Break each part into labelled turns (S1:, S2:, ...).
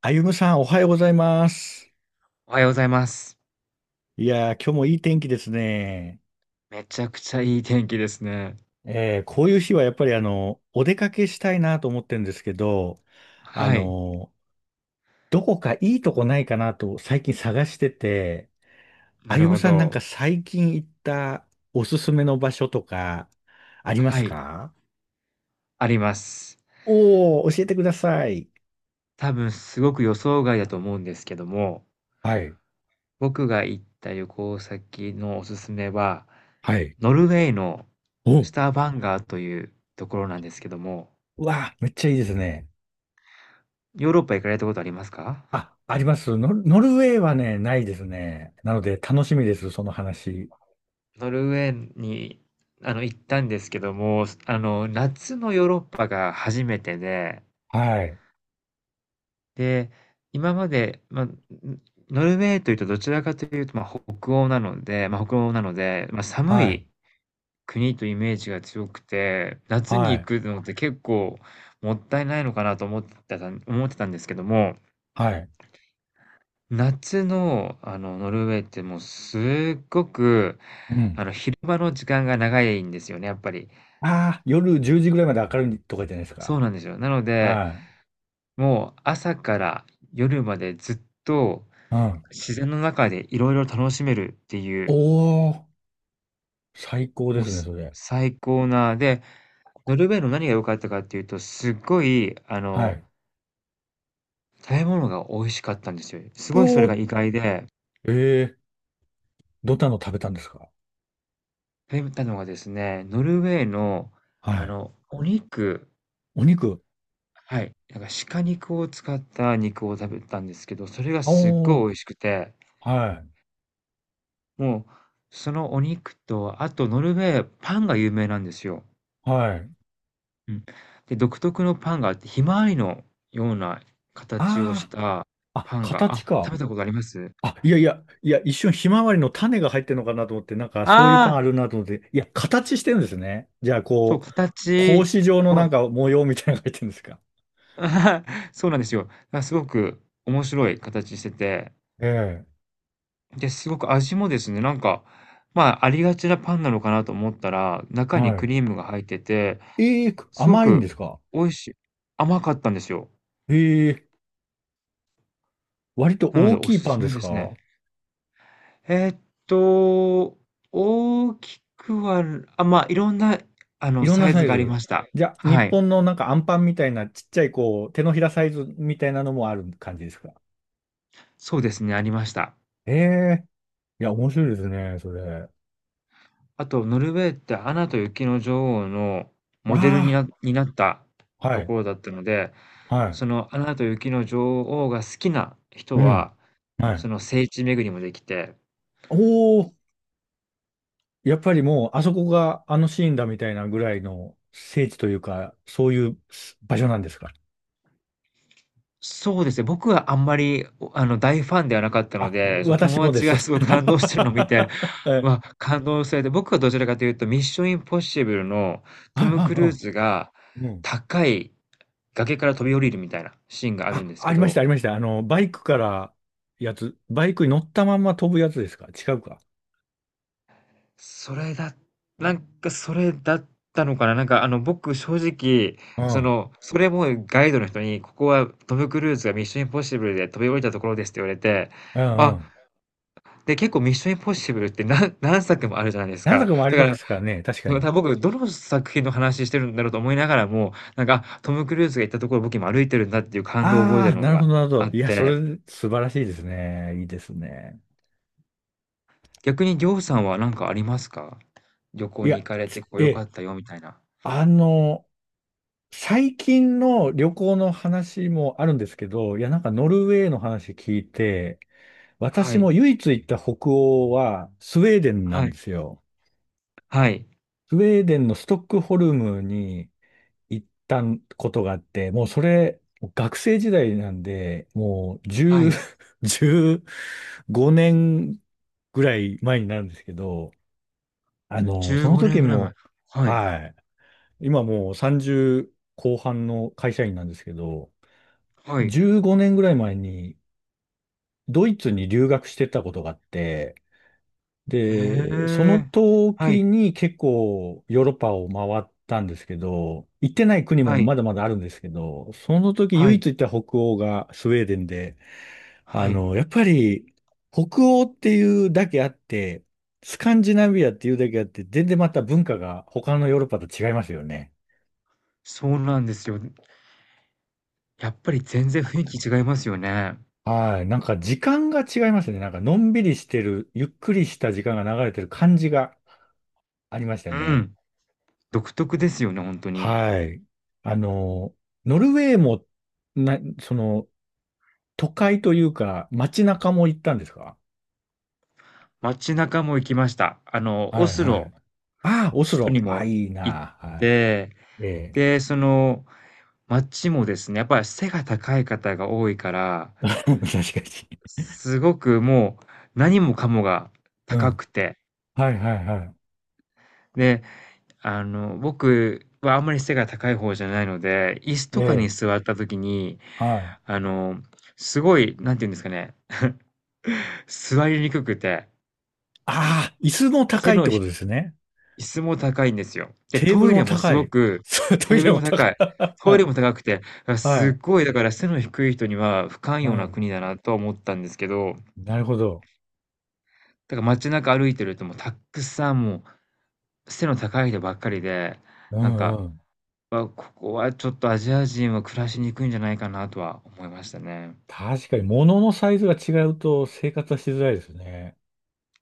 S1: あゆむさん、おはようございます。
S2: おはようございます。
S1: いやー、今日もいい天気ですね。
S2: めちゃくちゃいい天気ですね。
S1: こういう日はやっぱりお出かけしたいなと思ってるんですけど、あ
S2: はい、
S1: の、どこかいいとこないかなと最近探してて、
S2: な
S1: あ
S2: る
S1: ゆむ
S2: ほ
S1: さんなんか
S2: ど。
S1: 最近行ったおすすめの場所とかありま
S2: は
S1: す
S2: い、
S1: か？
S2: あります。
S1: おー、教えてください。
S2: 多分すごく予想外だと思うんですけども、
S1: はい。
S2: 僕が行った旅行先のおすすめは、
S1: はい。
S2: ノルウェーの
S1: お、う
S2: スターバンガーというところなんですけども、
S1: わあ、めっちゃいいですね。
S2: ヨーロッパ行かれたことありますか？
S1: あ、あります。ノルウェーはね、ないですね。なので楽しみです、その話。
S2: ノルウェーに、行ったんですけども、夏のヨーロッパが初めてで
S1: はい、
S2: で、今まで、ノルウェーというとどちらかというと、まあ、北欧なので、まあ、寒
S1: はい、
S2: い国というイメージが強くて、夏に
S1: は
S2: 行
S1: い、
S2: くのって結構もったいないのかなと思ってたんですけども、
S1: はい。
S2: 夏の、ノルウェーってもうすっごく、
S1: うん。
S2: 昼間の時間が長いんですよね、やっぱり。
S1: ああ、夜10時ぐらいまで明るいとかじゃないです
S2: そ
S1: か。
S2: うなんですよ。なので、
S1: は
S2: もう朝から夜までずっと
S1: い。うん。
S2: 自然の中でいろいろ楽しめるってい
S1: お
S2: う、
S1: お、最高で
S2: もう、
S1: すね、それ。
S2: 最高な、で、ノルウェーの何が良かったかっていうと、すっごい、
S1: はい。
S2: 食べ物が美味しかったんですよ。す
S1: う
S2: ごいそれ
S1: お
S2: が
S1: ー、
S2: 意外で、
S1: えーどんなの食べたんですか？
S2: 食べたのがですね、ノルウェーの、
S1: はい。
S2: お肉
S1: お肉。
S2: はい、なんか鹿肉を使った肉を食べたんですけど、それがすっ
S1: お
S2: ご
S1: ー
S2: い美味しくて、
S1: は
S2: もう、そのお肉と、あとノルウェー、パンが有名なんですよ。
S1: い、はい。
S2: うん。で、独特のパンがあって、ひまわりのような形をし
S1: あ
S2: た
S1: あ、あ、
S2: パンが、
S1: 形
S2: あ、食
S1: か。
S2: べたことあります？
S1: あ、いやいや、いや、一瞬ひまわりの種が入ってるのかなと思って、なんかそういうパン
S2: ああ、
S1: あるなと思って、いや、形してるんですね。じゃあ、
S2: そう、
S1: こう、格
S2: 形
S1: 子状のな
S2: を
S1: んか模様みたいなのが入ってるんですか？
S2: そうなんですよ。あ、すごく面白い形してて、
S1: ええ
S2: で、すごく味もですね、なんか、まあ、ありがちなパンなのかなと思ったら、中に
S1: は
S2: ク
S1: い。
S2: リームが入ってて、
S1: ええ
S2: すご
S1: 甘いんで
S2: く
S1: すか？
S2: 美味しい甘かったんですよ。
S1: ええ割と
S2: なので
S1: 大
S2: お
S1: きい
S2: す
S1: パン
S2: す
S1: で
S2: め
S1: す
S2: です
S1: か？
S2: ね。えーっと、大きくは、あ、まあ、いろんな、
S1: いろん
S2: サ
S1: な
S2: イ
S1: サ
S2: ズ
S1: イ
S2: があり
S1: ズ。
S2: ました。
S1: じゃあ、日
S2: はい。
S1: 本のなんかアンパンみたいなちっちゃいこう、手のひらサイズみたいなのもある感じですか？
S2: そうですね、ありました。
S1: ええいや、面白いですね、それ。あ
S2: あと、ノルウェーってアナと雪の女王のモデルに
S1: あ、
S2: なになった
S1: は
S2: と
S1: い、
S2: ころだったので、
S1: はい、
S2: そのアナと雪の女王が好きな人
S1: うん、
S2: は、
S1: はい。
S2: その聖地巡りもできて、
S1: おお、やっぱりもう、あそこがあのシーンだみたいなぐらいの聖地というか、そういう場所なんですか？
S2: そうですね、僕はあんまり、大ファンではなかったの
S1: あ、
S2: で、そう、
S1: 私
S2: 友
S1: もで
S2: 達
S1: す。
S2: がす ごい感動してるのを見て、
S1: は い、
S2: わ、感動されて、僕はどちらかというと、ミッションインポッシブルのト
S1: はい、
S2: ム・クルー
S1: は
S2: ズが
S1: いうん。うん
S2: 高い崖から飛び降りるみたいなシーンがあるん
S1: あ、
S2: です
S1: あ
S2: け
S1: りまし
S2: ど、
S1: た、ありました。バイクからやつ、バイクに乗ったまま飛ぶやつですか？違うか。
S2: それだなんかそれだったのかな、なんか、僕正直、
S1: う
S2: そ
S1: ん。
S2: の、それもガイドの人に、ここはトム・クルーズがミッションインポッシブルで飛び降りたところですって言われて、
S1: うんう
S2: あ、
S1: ん。
S2: で、結構ミッションインポッシブルって何作もあるじゃないです
S1: 何
S2: か。
S1: 作もあり
S2: だか
S1: ま
S2: ら、
S1: すからね、確か
S2: たま
S1: に。
S2: た僕どの作品の話してるんだろうと思いながらも、なんか、あ、トム・クルーズが行ったところ僕今歩いてるんだっていう感動を覚えて
S1: あ
S2: る
S1: あ、
S2: の
S1: なる
S2: が
S1: ほど、なるほ
S2: あ
S1: ど。
S2: っ
S1: いや、そ
S2: て、
S1: れ、素晴らしいですね。いいですね。
S2: 逆にりょうさんは何かありますか？旅行
S1: い
S2: に行
S1: や、
S2: かれて
S1: つ
S2: ここ
S1: え
S2: 良か
S1: え、
S2: ったよみたいな。
S1: あの、最近の旅行の話もあるんですけど、いや、なんかノルウェーの話聞いて、
S2: は
S1: 私
S2: い。
S1: も唯一行った北欧はスウェーデンな
S2: は
S1: ん
S2: い。
S1: ですよ。
S2: はい。
S1: スウェーデンのストックホルムに行ったことがあって、もうそれ、学生時代なんで、もう
S2: は
S1: 10、
S2: い。
S1: 15年ぐらい前になるんですけど、そ
S2: 15
S1: の
S2: 年
S1: 時
S2: ぐらい前。
S1: も、
S2: はい。
S1: はい、今もう30後半の会社員なんですけど、
S2: はい。
S1: 15年ぐらい前にドイツに留学してたことがあって、
S2: へ
S1: で、その
S2: え。は
S1: 時
S2: い。
S1: に結構ヨーロッパを回ったんですけど、行ってない国も
S2: はい。
S1: まだまだあるんですけど、その時
S2: は
S1: 唯
S2: い。
S1: 一行った北欧がスウェーデンで、
S2: はい。
S1: やっぱり北欧っていうだけあって、スカンジナビアっていうだけあって、全然また文化が他のヨーロッパと違いますよね。
S2: そうなんですよ。やっぱり全然雰囲気違いますよね。
S1: はい。なんか時間が違いますね。なんかのんびりしてる、ゆっくりした時間が流れてる感じがありました
S2: う
S1: ね。
S2: ん。独特ですよね、ほんとに。
S1: はい。あの、ノルウェーも、な、その、都会というか、街中も行ったんですか？
S2: 街中も行きました。あの、
S1: は
S2: オ
S1: い
S2: ス
S1: はい。
S2: ロ、
S1: ああ、オス
S2: 首都
S1: ロ。
S2: に
S1: あ、
S2: も
S1: いい
S2: 行っ
S1: な。はい。
S2: て、
S1: ええ。
S2: で、その街もですね、やっぱり背が高い方が多いから、
S1: 確かに。
S2: すごくもう何もかもが
S1: う
S2: 高
S1: ん。
S2: くて、
S1: はいはいは
S2: で、僕はあんまり背が高い方じゃないので、椅子
S1: い。え
S2: とかに
S1: え。
S2: 座った時に、
S1: はい。
S2: あの、すごい、何て言うんですかね、座りにくくて、
S1: ああ、椅子も高
S2: 背
S1: いっ
S2: の
S1: て
S2: 低
S1: ことですね。
S2: 椅子も高いんですよ。で、
S1: テーブ
S2: ト
S1: ル
S2: イレ
S1: も
S2: もす
S1: 高
S2: ご
S1: い。
S2: く
S1: そう、ト
S2: テー
S1: イ
S2: ブ
S1: レ
S2: ル
S1: も
S2: も
S1: 高
S2: 高い。
S1: い。
S2: トイレも高くて、あ、
S1: は
S2: すっ
S1: い。
S2: ごいだから背の低い人には不寛
S1: う
S2: 容な
S1: ん。
S2: 国だなとは思ったんですけど、
S1: なるほど。
S2: だから街中歩いてるともうたっくさんもう背の高い人ばっかりで、
S1: う
S2: なん
S1: ん
S2: か、
S1: うん。
S2: わ、ここはちょっとアジア人は暮らしにくいんじゃないかなとは思いましたね。
S1: 確かに、物のサイズが違うと生活はしづらいですね。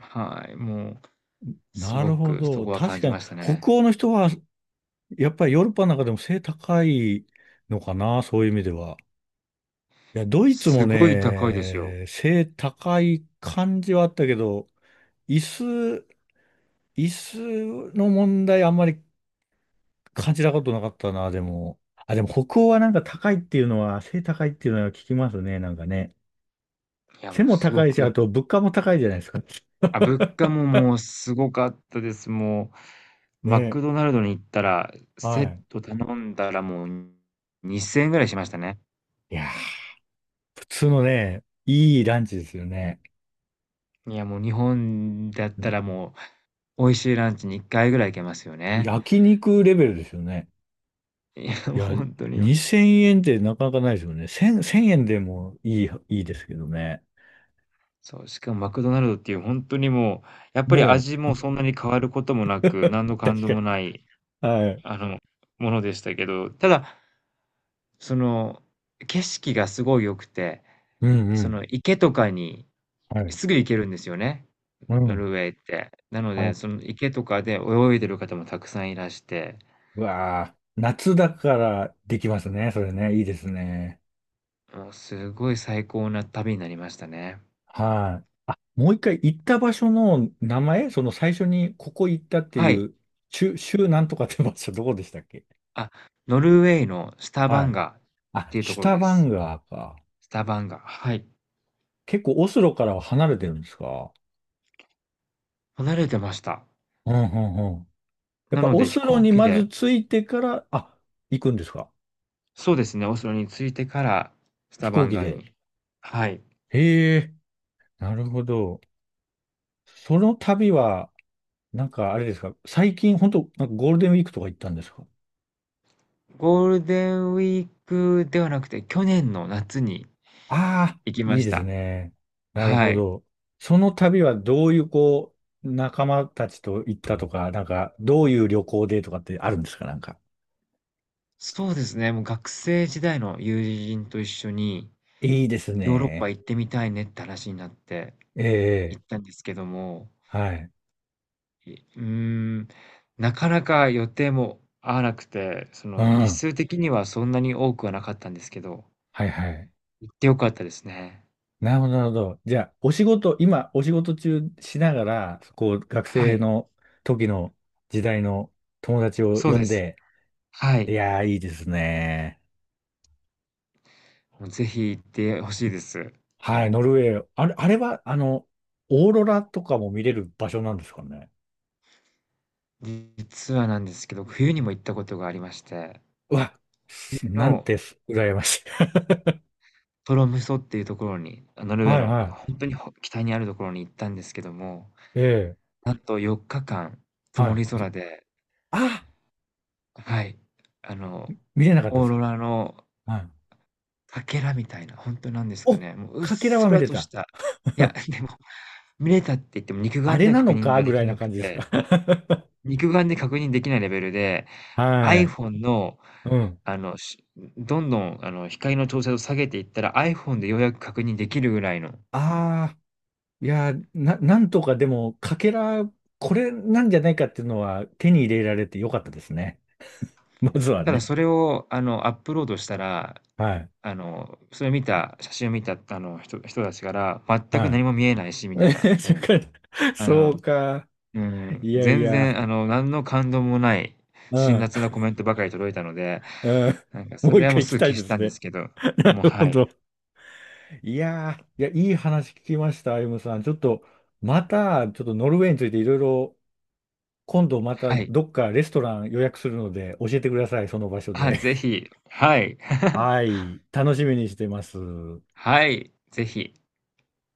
S2: はい、もうす
S1: な
S2: ご
S1: るほ
S2: くそ
S1: ど。
S2: こは感
S1: 確か
S2: じ
S1: に、
S2: ましたね。
S1: 北欧の人は、やっぱりヨーロッパの中でも背高いのかな、そういう意味では。いや、ドイツ
S2: す
S1: も
S2: ごい高いですよ。
S1: ね、背高い感じはあったけど、椅子、椅子の問題あんまり感じたことなかったな、でも。あ、でも北欧はなんか高いっていうのは、背高いっていうのは聞きますね、なんかね。
S2: いや、
S1: 背
S2: もう
S1: も
S2: すご
S1: 高いし、あ
S2: く、
S1: と物価も高いじゃないですか。
S2: あ、物価ももうすごかったです。もうマ
S1: ね。
S2: クドナルドに行ったら、
S1: は
S2: セッ
S1: い。
S2: ト頼んだらもう2000円ぐらいしましたね。
S1: いやー、普通のね、いいランチですよね。
S2: いや、もう日本だったらもう、美味しいランチに2回ぐらい行けますよね。
S1: 焼肉レベルですよね。
S2: いや、も
S1: い
S2: う
S1: や、
S2: ほんとに。
S1: 2000円ってなかなかないですよね。1000、円でもいい、ですけどね。
S2: そう、しかもマクドナルドっていうほんとにもう、やっぱり
S1: も
S2: 味
S1: う、
S2: もそんなに変わることもなく、何の感
S1: 確
S2: 動
S1: かに。
S2: もない、
S1: はい。
S2: あの、ものでしたけど、ただ、その、景色がすごい良くて、
S1: うんう
S2: そ
S1: ん。
S2: の池とかに
S1: はい。
S2: すぐ行けるんですよね。
S1: う
S2: ノ
S1: ん。
S2: ルウェーって。なの
S1: はい。
S2: で、その池とかで泳いでる方もたくさんいらして、
S1: うわあ、夏だからできますね。それね。いいですね。
S2: もうすごい最高な旅になりましたね。
S1: はい。あ、もう一回行った場所の名前、その最初にここ行ったって
S2: は
S1: い
S2: い。
S1: う、州なんとかって場所どこでしたっけ？
S2: あ、ノルウェーのスタ
S1: は
S2: バン
S1: い。
S2: ガっ
S1: あ、
S2: ていうと
S1: シュ
S2: ころ
S1: タ
S2: で
S1: バン
S2: す。
S1: ガーか。
S2: スタバンガ。はい。
S1: 結構オスロからは離れてるんですか？
S2: 離れてました。
S1: うんうんうん。やっ
S2: な
S1: ぱ
S2: の
S1: オ
S2: で
S1: ス
S2: 飛
S1: ロ
S2: 行
S1: に
S2: 機
S1: ま
S2: で、
S1: ず着いてから、あ、行くんですか？
S2: そうですね、オスロに着いてからス
S1: 飛
S2: タバ
S1: 行
S2: ン
S1: 機
S2: ガ
S1: で。
S2: に。はい。
S1: へえ、なるほど。その旅は、なんかあれですか？最近本当なんかゴールデンウィークとか行ったんですか？
S2: ゴールデンウィークではなくて、去年の夏に
S1: ああ
S2: 行き
S1: ー、い
S2: ま
S1: い
S2: し
S1: です
S2: た。
S1: ね。なる
S2: は
S1: ほ
S2: い。
S1: ど。その旅はどういうこう、仲間たちと行ったとか、なんかどういう旅行でとかってあるんですかなんか。
S2: そうですね、もう学生時代の友人と一緒に
S1: いいです
S2: ヨーロッパ
S1: ね。
S2: 行ってみたいねって話になって
S1: え
S2: 行
S1: え、
S2: ったんですけども、
S1: はい。
S2: いうーん、なかなか予定も合わなくて、そ
S1: う
S2: の
S1: ん。
S2: 日
S1: は
S2: 数的にはそんなに多くはなかったんですけど、
S1: いはい。
S2: 行って良かったですね。
S1: なるほど、なるほど。じゃあ、お仕事、今、お仕事中しながら、こう、学
S2: は
S1: 生
S2: い、
S1: の時の時代の友達を
S2: そう
S1: 呼
S2: で
S1: ん
S2: す。
S1: で、
S2: は
S1: い
S2: い。
S1: やー、いいですね。
S2: もうぜひ行ってほしいです。
S1: はい、ノルウェー。あれは、オーロラとかも見れる場所なんですかね。
S2: 実はなんですけど、冬にも行ったことがありまして、
S1: うわ、
S2: 冬
S1: なん
S2: の
S1: てす、羨ましい。
S2: トロムソっていうところに、あ、ノ ルウェ
S1: は
S2: ー
S1: い、
S2: の
S1: は
S2: 本当に北にあるところに行ったんですけども、
S1: い。ええ、
S2: なんと4日間
S1: は
S2: 曇
S1: い。
S2: り
S1: で
S2: 空で
S1: あ、
S2: はい。あの、
S1: 見れなかったで
S2: オー
S1: す
S2: ロ
S1: か？
S2: ラの
S1: はい。
S2: かけらみたいな、ほんとなんですか
S1: お、
S2: ね、もううっ
S1: かけら
S2: す
S1: は見
S2: ら
S1: れ
S2: とし
S1: た？
S2: た、いや、でも、見れたって言っても肉
S1: あ
S2: 眼
S1: れ
S2: では
S1: な
S2: 確
S1: の
S2: 認
S1: か
S2: が
S1: ぐ
S2: で
S1: ら
S2: き
S1: い
S2: な
S1: な
S2: く
S1: 感じですか？
S2: て、肉眼で確認できないレベルで、
S1: はい。
S2: iPhone の、
S1: うん。
S2: あの、しどんどん、光の調整を下げていったら、iPhone でようやく確認できるぐらいの。
S1: ああ。いやー、なんとかでも、かけら、これなんじゃないかっていうのは手に入れられてよかったですね。まずは
S2: ただ
S1: ね。
S2: それを、アップロードしたら、
S1: はい。
S2: それを見た写真を見た、人たちから「全く
S1: は
S2: 何も見えないし」み
S1: い。
S2: たいな、う ん。
S1: そっか
S2: あ
S1: そう
S2: の
S1: か。
S2: うん、
S1: いやい
S2: 全
S1: や。
S2: 然、何の感動もない、
S1: う
S2: 辛
S1: ん。
S2: 辣なコメントばかり届いたので、
S1: うん。
S2: なんかそ
S1: もう
S2: れ
S1: 一
S2: はもう
S1: 回行き
S2: すぐ
S1: たい
S2: 消
S1: で
S2: し
S1: す
S2: たんで
S1: ね。
S2: すけど、
S1: な
S2: もう、
S1: るほ
S2: はい。
S1: ど。いやー、いや、いい話聞きました、歩夢さん。ちょっと、また、ちょっとノルウェーについていろいろ、今度また
S2: はい。
S1: どっかレストラン予約するので、教えてください、その場所
S2: あ、
S1: で。
S2: ぜひ、はい。
S1: はい。楽しみにしてます。
S2: はい、ぜひ。